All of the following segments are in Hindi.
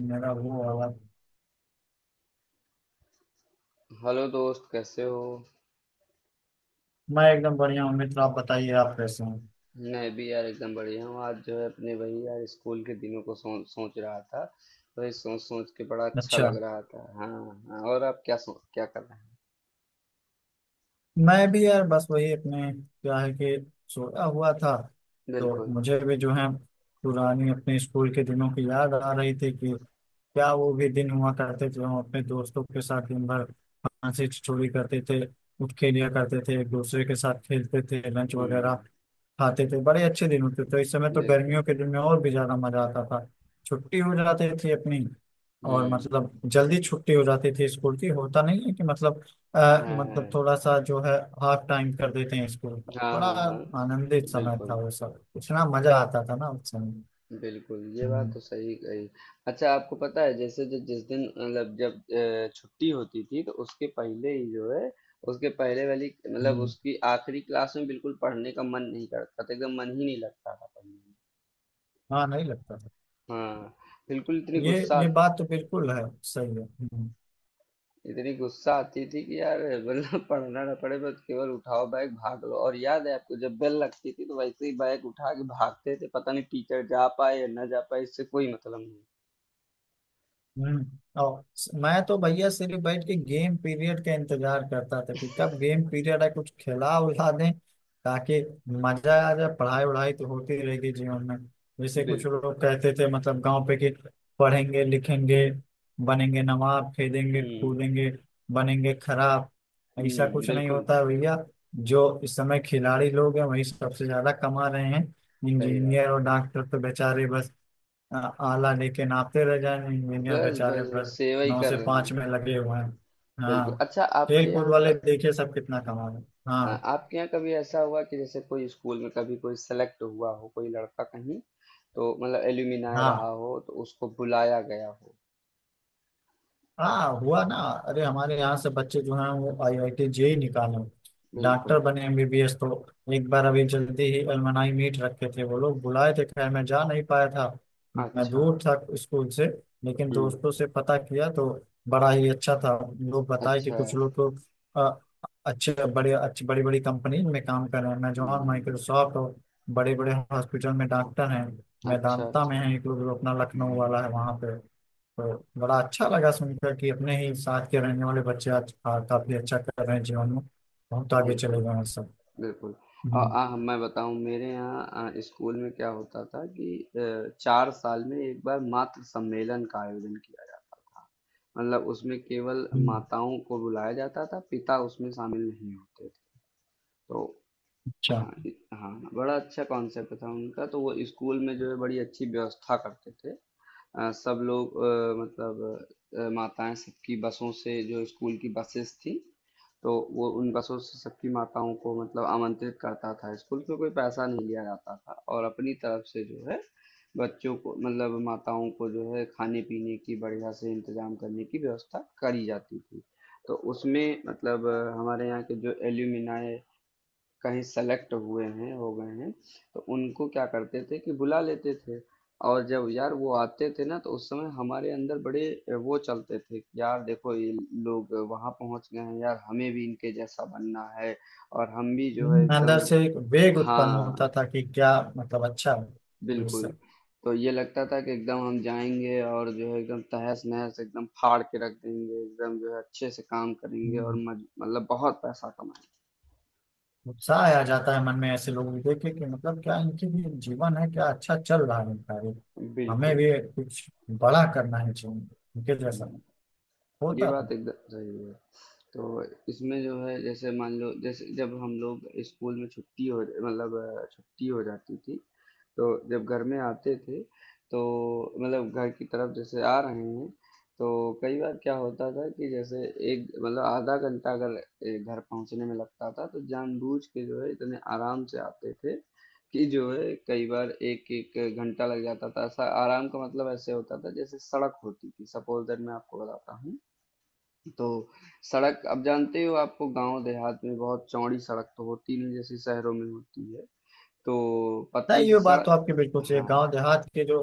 मेरा वो वाला। हेलो दोस्त, कैसे हो? मैं एकदम बढ़िया हूँ मित्र, आप बताइए आप कैसे हैं। मैं भी यार एकदम बढ़िया हूँ। आज जो है अपने वही यार स्कूल के दिनों को सोच सोच रहा था। वही सोच सोच के बड़ा अच्छा अच्छा। लग रहा था। हाँ हाँ, और आप क्या सोच क्या कर रहे हैं? मैं भी यार बस वही अपने क्या है कि सोया हुआ था। तो बिल्कुल। मुझे भी जो है पुरानी अपने स्कूल के दिनों की याद आ रही थी कि क्या वो भी दिन हुआ करते थे। हम अपने दोस्तों के साथ दिन भर हंसी ठिठोली करते थे, उठ खेलिया करते थे, एक दूसरे के साथ खेलते थे, लंच वगैरह हम्म। खाते थे। बड़े अच्छे दिन होते थे। तो इस समय तो बिल्कुल। गर्मियों के दिन में और भी ज्यादा मजा आता था। छुट्टी हो जाती थी अपनी, और हम्म। मतलब जल्दी छुट्टी हो जाती थी स्कूल की। होता नहीं है कि मतलब हाँ हाँ मतलब थोड़ा सा जो है हाफ टाइम कर देते हैं इसको। हाँ। बड़ा हाँ हाँ। आनंदित समय था बिल्कुल। वो। सब इतना मजा आता था ना उस समय। बिल्कुल, ये बात हम्म। तो सही कही। अच्छा, आपको पता है जैसे जो जिस दिन मतलब जब छुट्टी होती थी तो उसके पहले ही जो है उसके पहले वाली मतलब हम्म। उसकी आखिरी क्लास में बिल्कुल पढ़ने का मन नहीं करता था, एकदम मन ही नहीं लगता था पढ़ने में। हाँ नहीं लगता था। हाँ, बिल्कुल ये ये बात तो बिल्कुल है, सही है। हम्म। इतनी गुस्सा आती थी कि यार मतलब पढ़ना ना पड़े, बस केवल उठाओ बैग भाग लो। और याद है आपको जब बेल लगती थी तो वैसे ही बैग उठा के भागते थे, पता नहीं टीचर जा पाए या ना जा पाए, इससे कोई मतलब नहीं। हम्म। और मैं तो भैया सिर्फ बैठ के गेम पीरियड का इंतजार करता था कि कब गेम पीरियड है, कुछ खिला उला दें ताकि मजा आ जाए। पढ़ाई वढ़ाई तो होती रहेगी जीवन में। जैसे कुछ बिल्कुल। लोग कहते थे मतलब गांव पे कि पढ़ेंगे लिखेंगे बनेंगे नवाब, खेलेंगे हुँ, कूदेंगे बनेंगे खराब। ऐसा हुँ, कुछ नहीं बिल्कुल। होता है भैया। जो इस समय खिलाड़ी लोग हैं वही सबसे ज्यादा कमा रहे हैं। सही बात इंजीनियर और डॉक्टर तो बेचारे बस आ- आला लेके नापते रह जाएं। है। इंजीनियर बस बेचारे बस बस बस सेवा ही नौ कर से रहे हैं। पांच में लगे हुए हैं। बिल्कुल, हाँ। अच्छा आपके खेल कूद यहाँ वाले का। देखिए सब कितना कमा रहे हैं। हाँ, हाँ। आपके यहाँ कभी ऐसा हुआ कि जैसे कोई स्कूल में कभी कोई सेलेक्ट हुआ हो, कोई लड़का कहीं, तो मतलब एल्यूमिनाय रहा हाँ, हो तो उसको बुलाया गया हो? हाँ हुआ ना। अरे हमारे यहाँ से बच्चे जो हैं वो आईआईटी जेई निकाले, डॉक्टर बिल्कुल। बने एमबीबीएस। तो एक बार अभी जल्दी ही अलमनाई मीट रखे थे, वो लोग बुलाए थे, खैर मैं जा नहीं पाया था। मैं अच्छा। दूर था स्कूल से। लेकिन हम्म। दोस्तों से पता किया तो बड़ा ही अच्छा था। लोग बताए कि अच्छा। कुछ लोग तो अ, अच्छे बड़े, अच्छी बड़ी बड़ी कंपनी में काम कर रहे हैं। मैं जॉन हम्म। माइक्रोसॉफ्ट और बड़े बड़े हॉस्पिटल में डॉक्टर हैं। मैं अच्छा दांता अच्छा। में है एक लोग जो अपना लखनऊ हम्म। वाला है वहाँ पे। तो बड़ा अच्छा लगा सुनकर कि अपने ही साथ के रहने वाले बच्चे आज काफी अच्छा कर रहे हैं जीवन में। बहुत आगे बिल्कुल। चले गए हैं सब। बिल्कुल। आ, हम्म। आ, मैं बताऊं मेरे यहाँ स्कूल में क्या होता था कि चार साल में एक बार मातृ सम्मेलन का आयोजन किया जाता था, मतलब उसमें केवल हम्म। माताओं को बुलाया जाता था, पिता उसमें शामिल नहीं होते थे। तो अच्छा। हाँ हाँ, बड़ा अच्छा कॉन्सेप्ट था उनका, तो वो स्कूल में जो है बड़ी अच्छी व्यवस्था करते थे। सब लोग मतलब माताएँ सबकी, बसों से जो स्कूल की बसेस थी, तो वो उन बसों से सबकी माताओं को मतलब आमंत्रित करता था, स्कूल से कोई पैसा नहीं लिया जाता था, और अपनी तरफ से जो है, बच्चों को मतलब माताओं को जो है खाने-पीने की बढ़िया से इंतज़ाम करने की व्यवस्था करी जाती थी। तो उसमें मतलब हमारे यहाँ के जो एल्युमिनाई कहीं सेलेक्ट हुए हैं हो गए हैं, तो उनको क्या करते थे कि बुला लेते थे। और जब यार वो आते थे ना, तो उस समय हमारे अंदर बड़े वो चलते थे कि यार देखो ये लोग वहां पहुंच गए हैं, यार हमें भी इनके जैसा बनना है, और हम भी जो है अंदर एकदम। से एक वेग उत्पन्न हाँ। होता था कि क्या मतलब अच्छा है। बिल्कुल। दूसरा। तो ये लगता था कि एकदम हम जाएंगे और जो है एकदम तहस नहस एकदम फाड़ के रख देंगे, एकदम जो है अच्छे से काम करेंगे और हम्म, मतलब बहुत पैसा कमाएंगे। उत्साह आ जाता है मन में ऐसे लोगों को देखे कि मतलब क्या इनकी भी जीवन है, क्या अच्छा चल रहा है इनका भी। हमें बिल्कुल। भी कुछ बड़ा करना है जीवन में, इनके जैसा हम्म, ये होता था। बात एकदम सही है। तो इसमें जो है जैसे मान लो, जैसे जब हम लोग स्कूल में छुट्टी हो मतलब छुट्टी हो जाती थी, तो जब घर में आते थे, तो मतलब घर की तरफ जैसे आ रहे हैं, तो कई बार क्या होता था कि जैसे एक मतलब आधा घंटा अगर घर पहुंचने में लगता था, तो जानबूझ के जो है इतने आराम से आते थे कि जो है कई बार एक एक घंटा लग जाता था। ऐसा आराम का मतलब ऐसे होता था जैसे सड़क होती थी, सपोज दैट मैं आपको बताता हूँ। तो सड़क, अब जानते हो आपको गांव देहात में बहुत चौड़ी सड़क तो होती नहीं जैसे शहरों में होती है, तो पतली नहीं, सी ये बात तो सड़क। आपकी बिल्कुल सही है। हाँ। गांव देहात के जो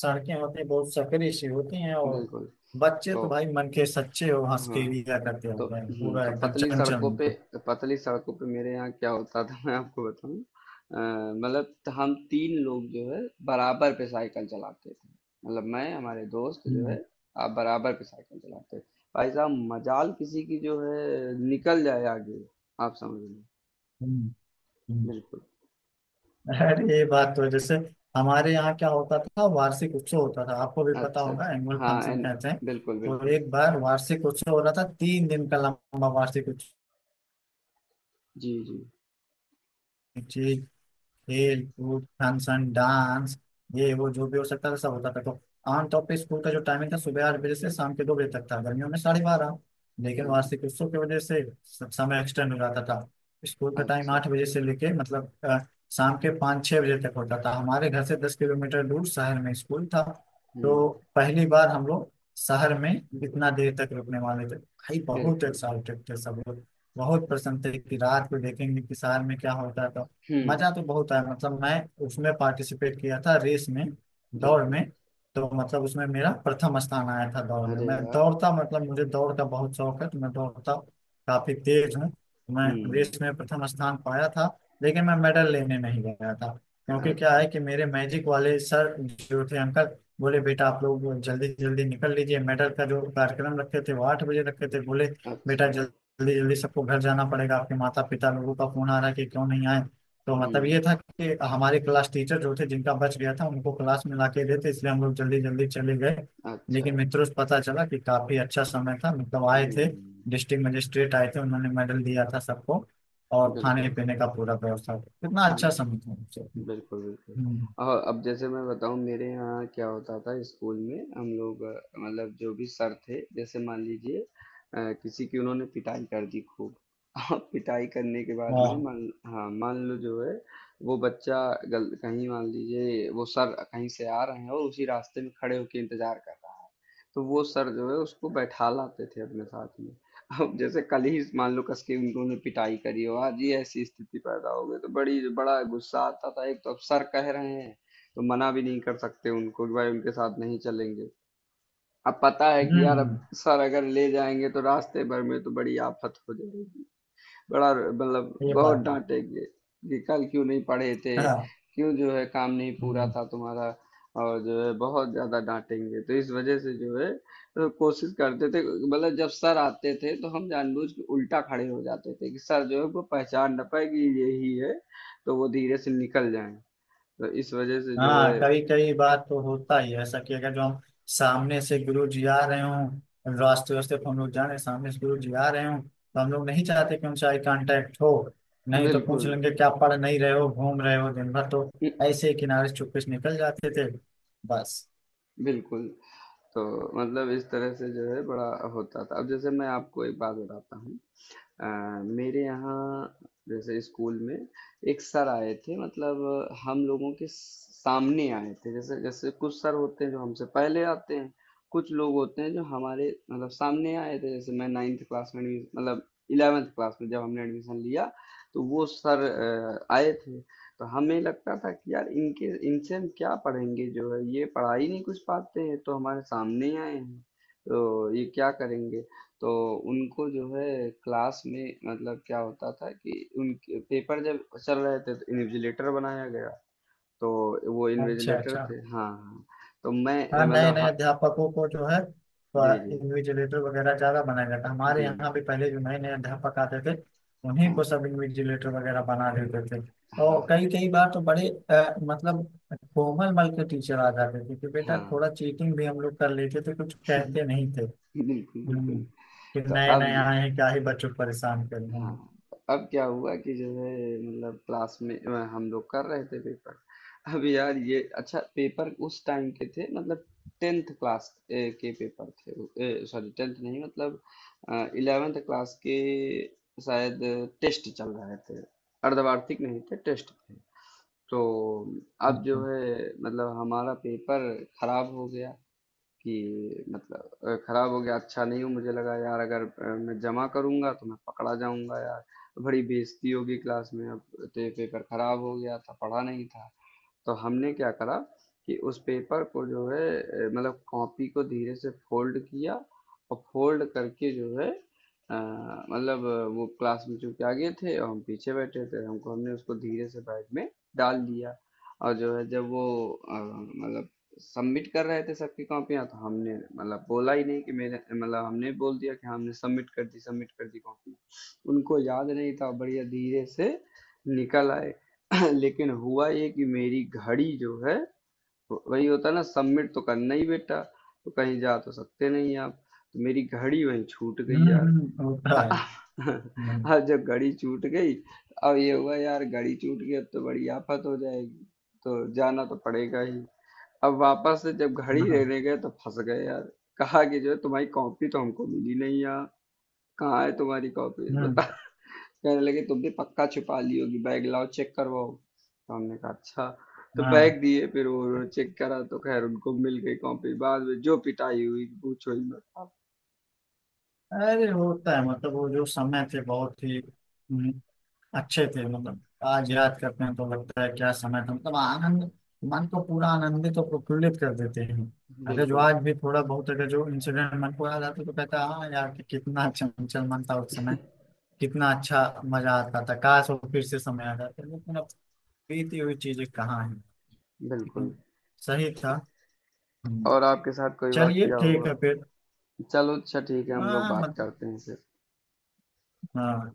सड़कें होती हैं बहुत सकरी सी होती हैं। और बिल्कुल। बच्चे तो। तो भाई मन के सच्चे, और हंस के हाँ। लिया करते तो। होते हैं, हम्म, पूरा तो एकदम पतली चंचल सड़कों मन पे, के। पतली सड़कों पे मेरे यहाँ क्या होता था मैं आपको बताऊं मतलब हम तीन लोग जो है बराबर पे साइकिल चलाते थे, मतलब मैं हमारे दोस्त जो हम्म। है आप बराबर पे साइकिल चलाते थे, भाई साहब मजाल किसी की जो है निकल जाए आगे, आप समझ लो। हम्म। हम्म। बिल्कुल। अरे ये बात तो है। जैसे हमारे यहाँ क्या होता था, वार्षिक उत्सव होता था। आपको भी पता अच्छा, होगा, अच्छा। एनुअल हाँ, फंक्शन एन। कहते हैं। बिल्कुल, तो बिल्कुल। एक बार वार्षिक उत्सव हो रहा था, तीन दिन का लंबा वार्षिक जी, जी। उत्सव, खेल कूद फंक्शन डांस, ये वो जो भी हो सकता था सब होता था। तो आमतौर पर स्कूल का जो टाइमिंग था सुबह आठ बजे से शाम के दो बजे तक था, गर्मियों में साढ़े बारह। लेकिन हाँ, वार्षिक उत्सव की वजह से समय एक्सटेंड हो जाता था। स्कूल का टाइम अच्छा। आठ बजे से लेके मतलब शाम के पाँच छः बजे तक होता था। हमारे घर से दस किलोमीटर दूर शहर में स्कूल था। हुँ, तो पहली बार हम लोग शहर में इतना देर तक रुकने वाले थे, भाई बहुत बिल्कुल। एक्साइटेड थे सब लोग। बहुत पसंद थे कि रात को देखेंगे कि शहर में क्या होता है। तो हुँ, मजा तो बहुत आया, मतलब मैं उसमें पार्टिसिपेट किया था रेस में, दौड़ बिल्कुल। में। तो मतलब उसमें मेरा प्रथम स्थान आया था दौड़ में। अरे मैं वाह! दौड़ता मतलब मुझे दौड़ का बहुत शौक है, तो मैं दौड़ता काफी तेज हूँ मैं। रेस हुँ, में प्रथम स्थान पाया था, लेकिन मैं मेडल लेने नहीं गया था। क्योंकि क्या अच्छा, है कि मेरे मैजिक वाले सर जो थे अंकल, बोले बेटा आप लोग जल्दी जल्दी निकल लीजिए। मेडल का जो कार्यक्रम रखे थे वो आठ बजे रखे थे। बोले बेटा अच्छा। जल्दी जल्दी सबको घर जाना पड़ेगा, आपके माता पिता लोगों का फोन आ रहा है कि क्यों नहीं आए। तो मतलब ये हुँ, था कि हमारे क्लास टीचर जो थे जिनका बच गया था उनको क्लास में ला के देते, इसलिए हम लोग जल्दी जल्दी चले गए। अच्छा। लेकिन मित्रों से पता चला कि काफी अच्छा समय था, मतलब आए थे हुँ, डिस्ट्रिक्ट मजिस्ट्रेट आए थे, उन्होंने मेडल दिया था सबको। और खाने बिल्कुल। पीने का पूरा व्यवस्था, कितना अच्छा समय हुँ। था उनसे। बिल्कुल, बिल्कुल। हम्म। और अब जैसे मैं बताऊँ मेरे यहाँ क्या होता था, स्कूल में हम लोग मतलब जो भी सर थे जैसे मान लीजिए किसी की उन्होंने पिटाई कर दी खूब, और पिटाई करने के बाद में वाह। मान, हाँ मान लो जो है वो बच्चा गल कहीं, मान लीजिए वो सर कहीं से आ रहे हैं और उसी रास्ते में खड़े होकर इंतजार कर रहा है, तो वो सर जो है उसको बैठा लाते थे अपने साथ में। अब जैसे कल ही मान लो कस के उन्होंने पिटाई करी हो, आज ये ऐसी स्थिति पैदा हो गई, तो बड़ी बड़ा गुस्सा आता था, एक तो अब सर कह रहे हैं तो मना भी नहीं कर सकते उनको कि भाई उनके साथ नहीं चलेंगे। अब पता है हम्म। कि यार अब सर अगर ले जाएंगे तो रास्ते भर में तो बड़ी आफत हो जाएगी, बड़ा मतलब ये बहुत बात है। डांटेंगे कि कल क्यों नहीं पढ़े थे, हाँ। क्यों जो है काम नहीं पूरा हम्म। था तुम्हारा, और जो है बहुत ज्यादा डांटेंगे, तो इस वजह से जो है तो कोशिश करते थे, मतलब जब सर आते थे तो हम जानबूझ के उल्टा खड़े हो जाते थे कि सर जो है वो पहचान ना पाए कि ये ही है, तो वो धीरे से निकल जाएं, तो इस वजह से जो हाँ, है। कई कई बार तो होता ही है ऐसा, कि अगर जो हम सामने से गुरु जी आ रहे हों, रास्ते वास्ते पर हम लोग जा रहे हैं सामने से गुरु जी आ रहे हों, तो हम लोग नहीं चाहते कि उनसे आई कांटेक्ट हो। नहीं तो पूछ बिल्कुल। लेंगे क्या पढ़ नहीं रहे हो, घूम रहे हो दिन भर। तो ऐसे ही किनारे से चुपके से निकल जाते थे बस। बिल्कुल। तो मतलब इस तरह से जो है बड़ा होता था। अब जैसे मैं आपको एक बात बताता हूँ, अ, मेरे यहाँ जैसे स्कूल में एक सर आए थे, मतलब हम लोगों के सामने आए थे, जैसे जैसे कुछ सर होते हैं जो हमसे पहले आते हैं, कुछ लोग होते हैं जो हमारे मतलब सामने आए थे, जैसे मैं नाइन्थ क्लास में एडमिशन मतलब इलेवेंथ क्लास में जब हमने एडमिशन लिया, तो वो सर आए थे। तो हमें लगता था कि यार इनके इनसे हम क्या पढ़ेंगे, जो है ये पढ़ा ही नहीं कुछ पाते हैं तो हमारे सामने ही आए हैं, तो ये क्या करेंगे? तो उनको जो है क्लास में मतलब क्या होता था कि उनके पेपर जब चल रहे थे तो इन्विजिलेटर बनाया गया, तो वो अच्छा, इन्विजिलेटर अच्छा। थे। हाँ हाँ। तो मैं हाँ, नए मतलब नए हाँ। अध्यापकों को जो है जी जी। इन्विजिलेटर वगैरह ज्यादा बनाया जाता है। हमारे हम्म। यहाँ भी पहले जो नए नए अध्यापक आते थे उन्हीं हाँ। को सब इन्विजिलेटर वगैरह बना देते थे। और हाँ। कई कई बार तो बड़े मतलब कोमल मल के टीचर आ जाते थे कि बेटा हाँ। थोड़ा चीटिंग भी हम लोग कर लेते थे, कुछ कहते नहीं थे। बिल्कुल बिल्कुल। हम्म। कि तो नए अब। नए आए हैं क्या ही बच्चों को परेशान कर रहे हाँ। हैं। अब क्या हुआ कि जो है मतलब क्लास में हम लोग कर रहे थे पेपर, अब यार ये अच्छा पेपर उस टाइम के थे, मतलब टेंथ क्लास के पेपर थे, सॉरी टेंथ नहीं मतलब इलेवेंथ क्लास के शायद, टेस्ट चल रहे थे, अर्धवार्षिक नहीं थे, टेस्ट थे। तो अब अच्छा। जो है मतलब हमारा पेपर खराब हो गया, कि मतलब खराब हो गया अच्छा नहीं हो, मुझे लगा यार अगर मैं जमा करूंगा तो मैं पकड़ा जाऊंगा यार, बड़ी बेइज्जती होगी क्लास में। अब तो ये पेपर खराब हो गया था, पढ़ा नहीं था, तो हमने क्या करा कि उस पेपर को जो है मतलब कॉपी को धीरे से फोल्ड किया, और फोल्ड करके जो है मतलब वो क्लास में चूंकि आगे थे और हम पीछे बैठे थे हमको, हमने उसको धीरे से बैग में डाल दिया। और जो है जब वो मतलब सबमिट कर रहे थे सबकी कॉपियां, तो हमने मतलब बोला ही नहीं कि मेरे मतलब हमने बोल दिया कि हाँ, हमने सबमिट कर दी, सबमिट कर दी कॉपी, उनको याद नहीं था, बढ़िया धीरे से निकल आए। लेकिन हुआ ये कि मेरी घड़ी जो है, वही होता है ना, सबमिट तो करना ही बेटा, तो कहीं जा तो सकते नहीं आप, तो मेरी घड़ी वहीं छूट गई हम्म। यार। हम्म, होता है। हम्म। अब जब घड़ी छूट गई, अब ये हुआ यार घड़ी छूट गई, अब तो बड़ी आफत हो जाएगी, तो जाना तो पड़ेगा ही। अब वापस से जब घड़ी हाँ। लेने गए तो फंस गए यार, कहा कि जो है तुम्हारी कॉपी तो हमको मिली नहीं यार, कहाँ है तुम्हारी कॉपी बता, हम्म। कहने लगे तुमने पक्का छुपा ली होगी, बैग लाओ चेक करवाओ, तो हमने कहा अच्छा, तो हाँ। बैग दिए फिर वो चेक करा, तो खैर उनको मिल गई कॉपी, बाद में जो पिटाई हुई पूछो ही मत। अरे होता है, मतलब वो जो समय थे बहुत ही अच्छे थे। मतलब आज याद करते हैं तो लगता है क्या समय था, मतलब आनंद, मन को पूरा आनंदित और प्रफुल्लित कर देते हैं। अगर जो बिल्कुल। आज भी थोड़ा बहुत अगर जो इंसिडेंट मन को याद आता है, तो कहता है हाँ यार कि कितना चंचल मन था उस समय, कितना अच्छा मजा आता था। काश वो फिर से समय आ जाता, लेकिन अब बीती हुई चीजें कहाँ है। लेकिन बिल्कुल। सही था। हम्म, और आपके साथ कोई चलिए वाकया ठीक हुआ? है फिर। चलो अच्छा, ठीक है, हम लोग हाँ बात मतलब करते हैं फिर। हाँ,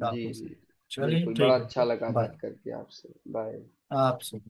जी काफी जी। समय। चलिए बिल्कुल, बड़ा ठीक है अच्छा फिर। लगा बाय। बात करके आपसे। बाय। आपसे।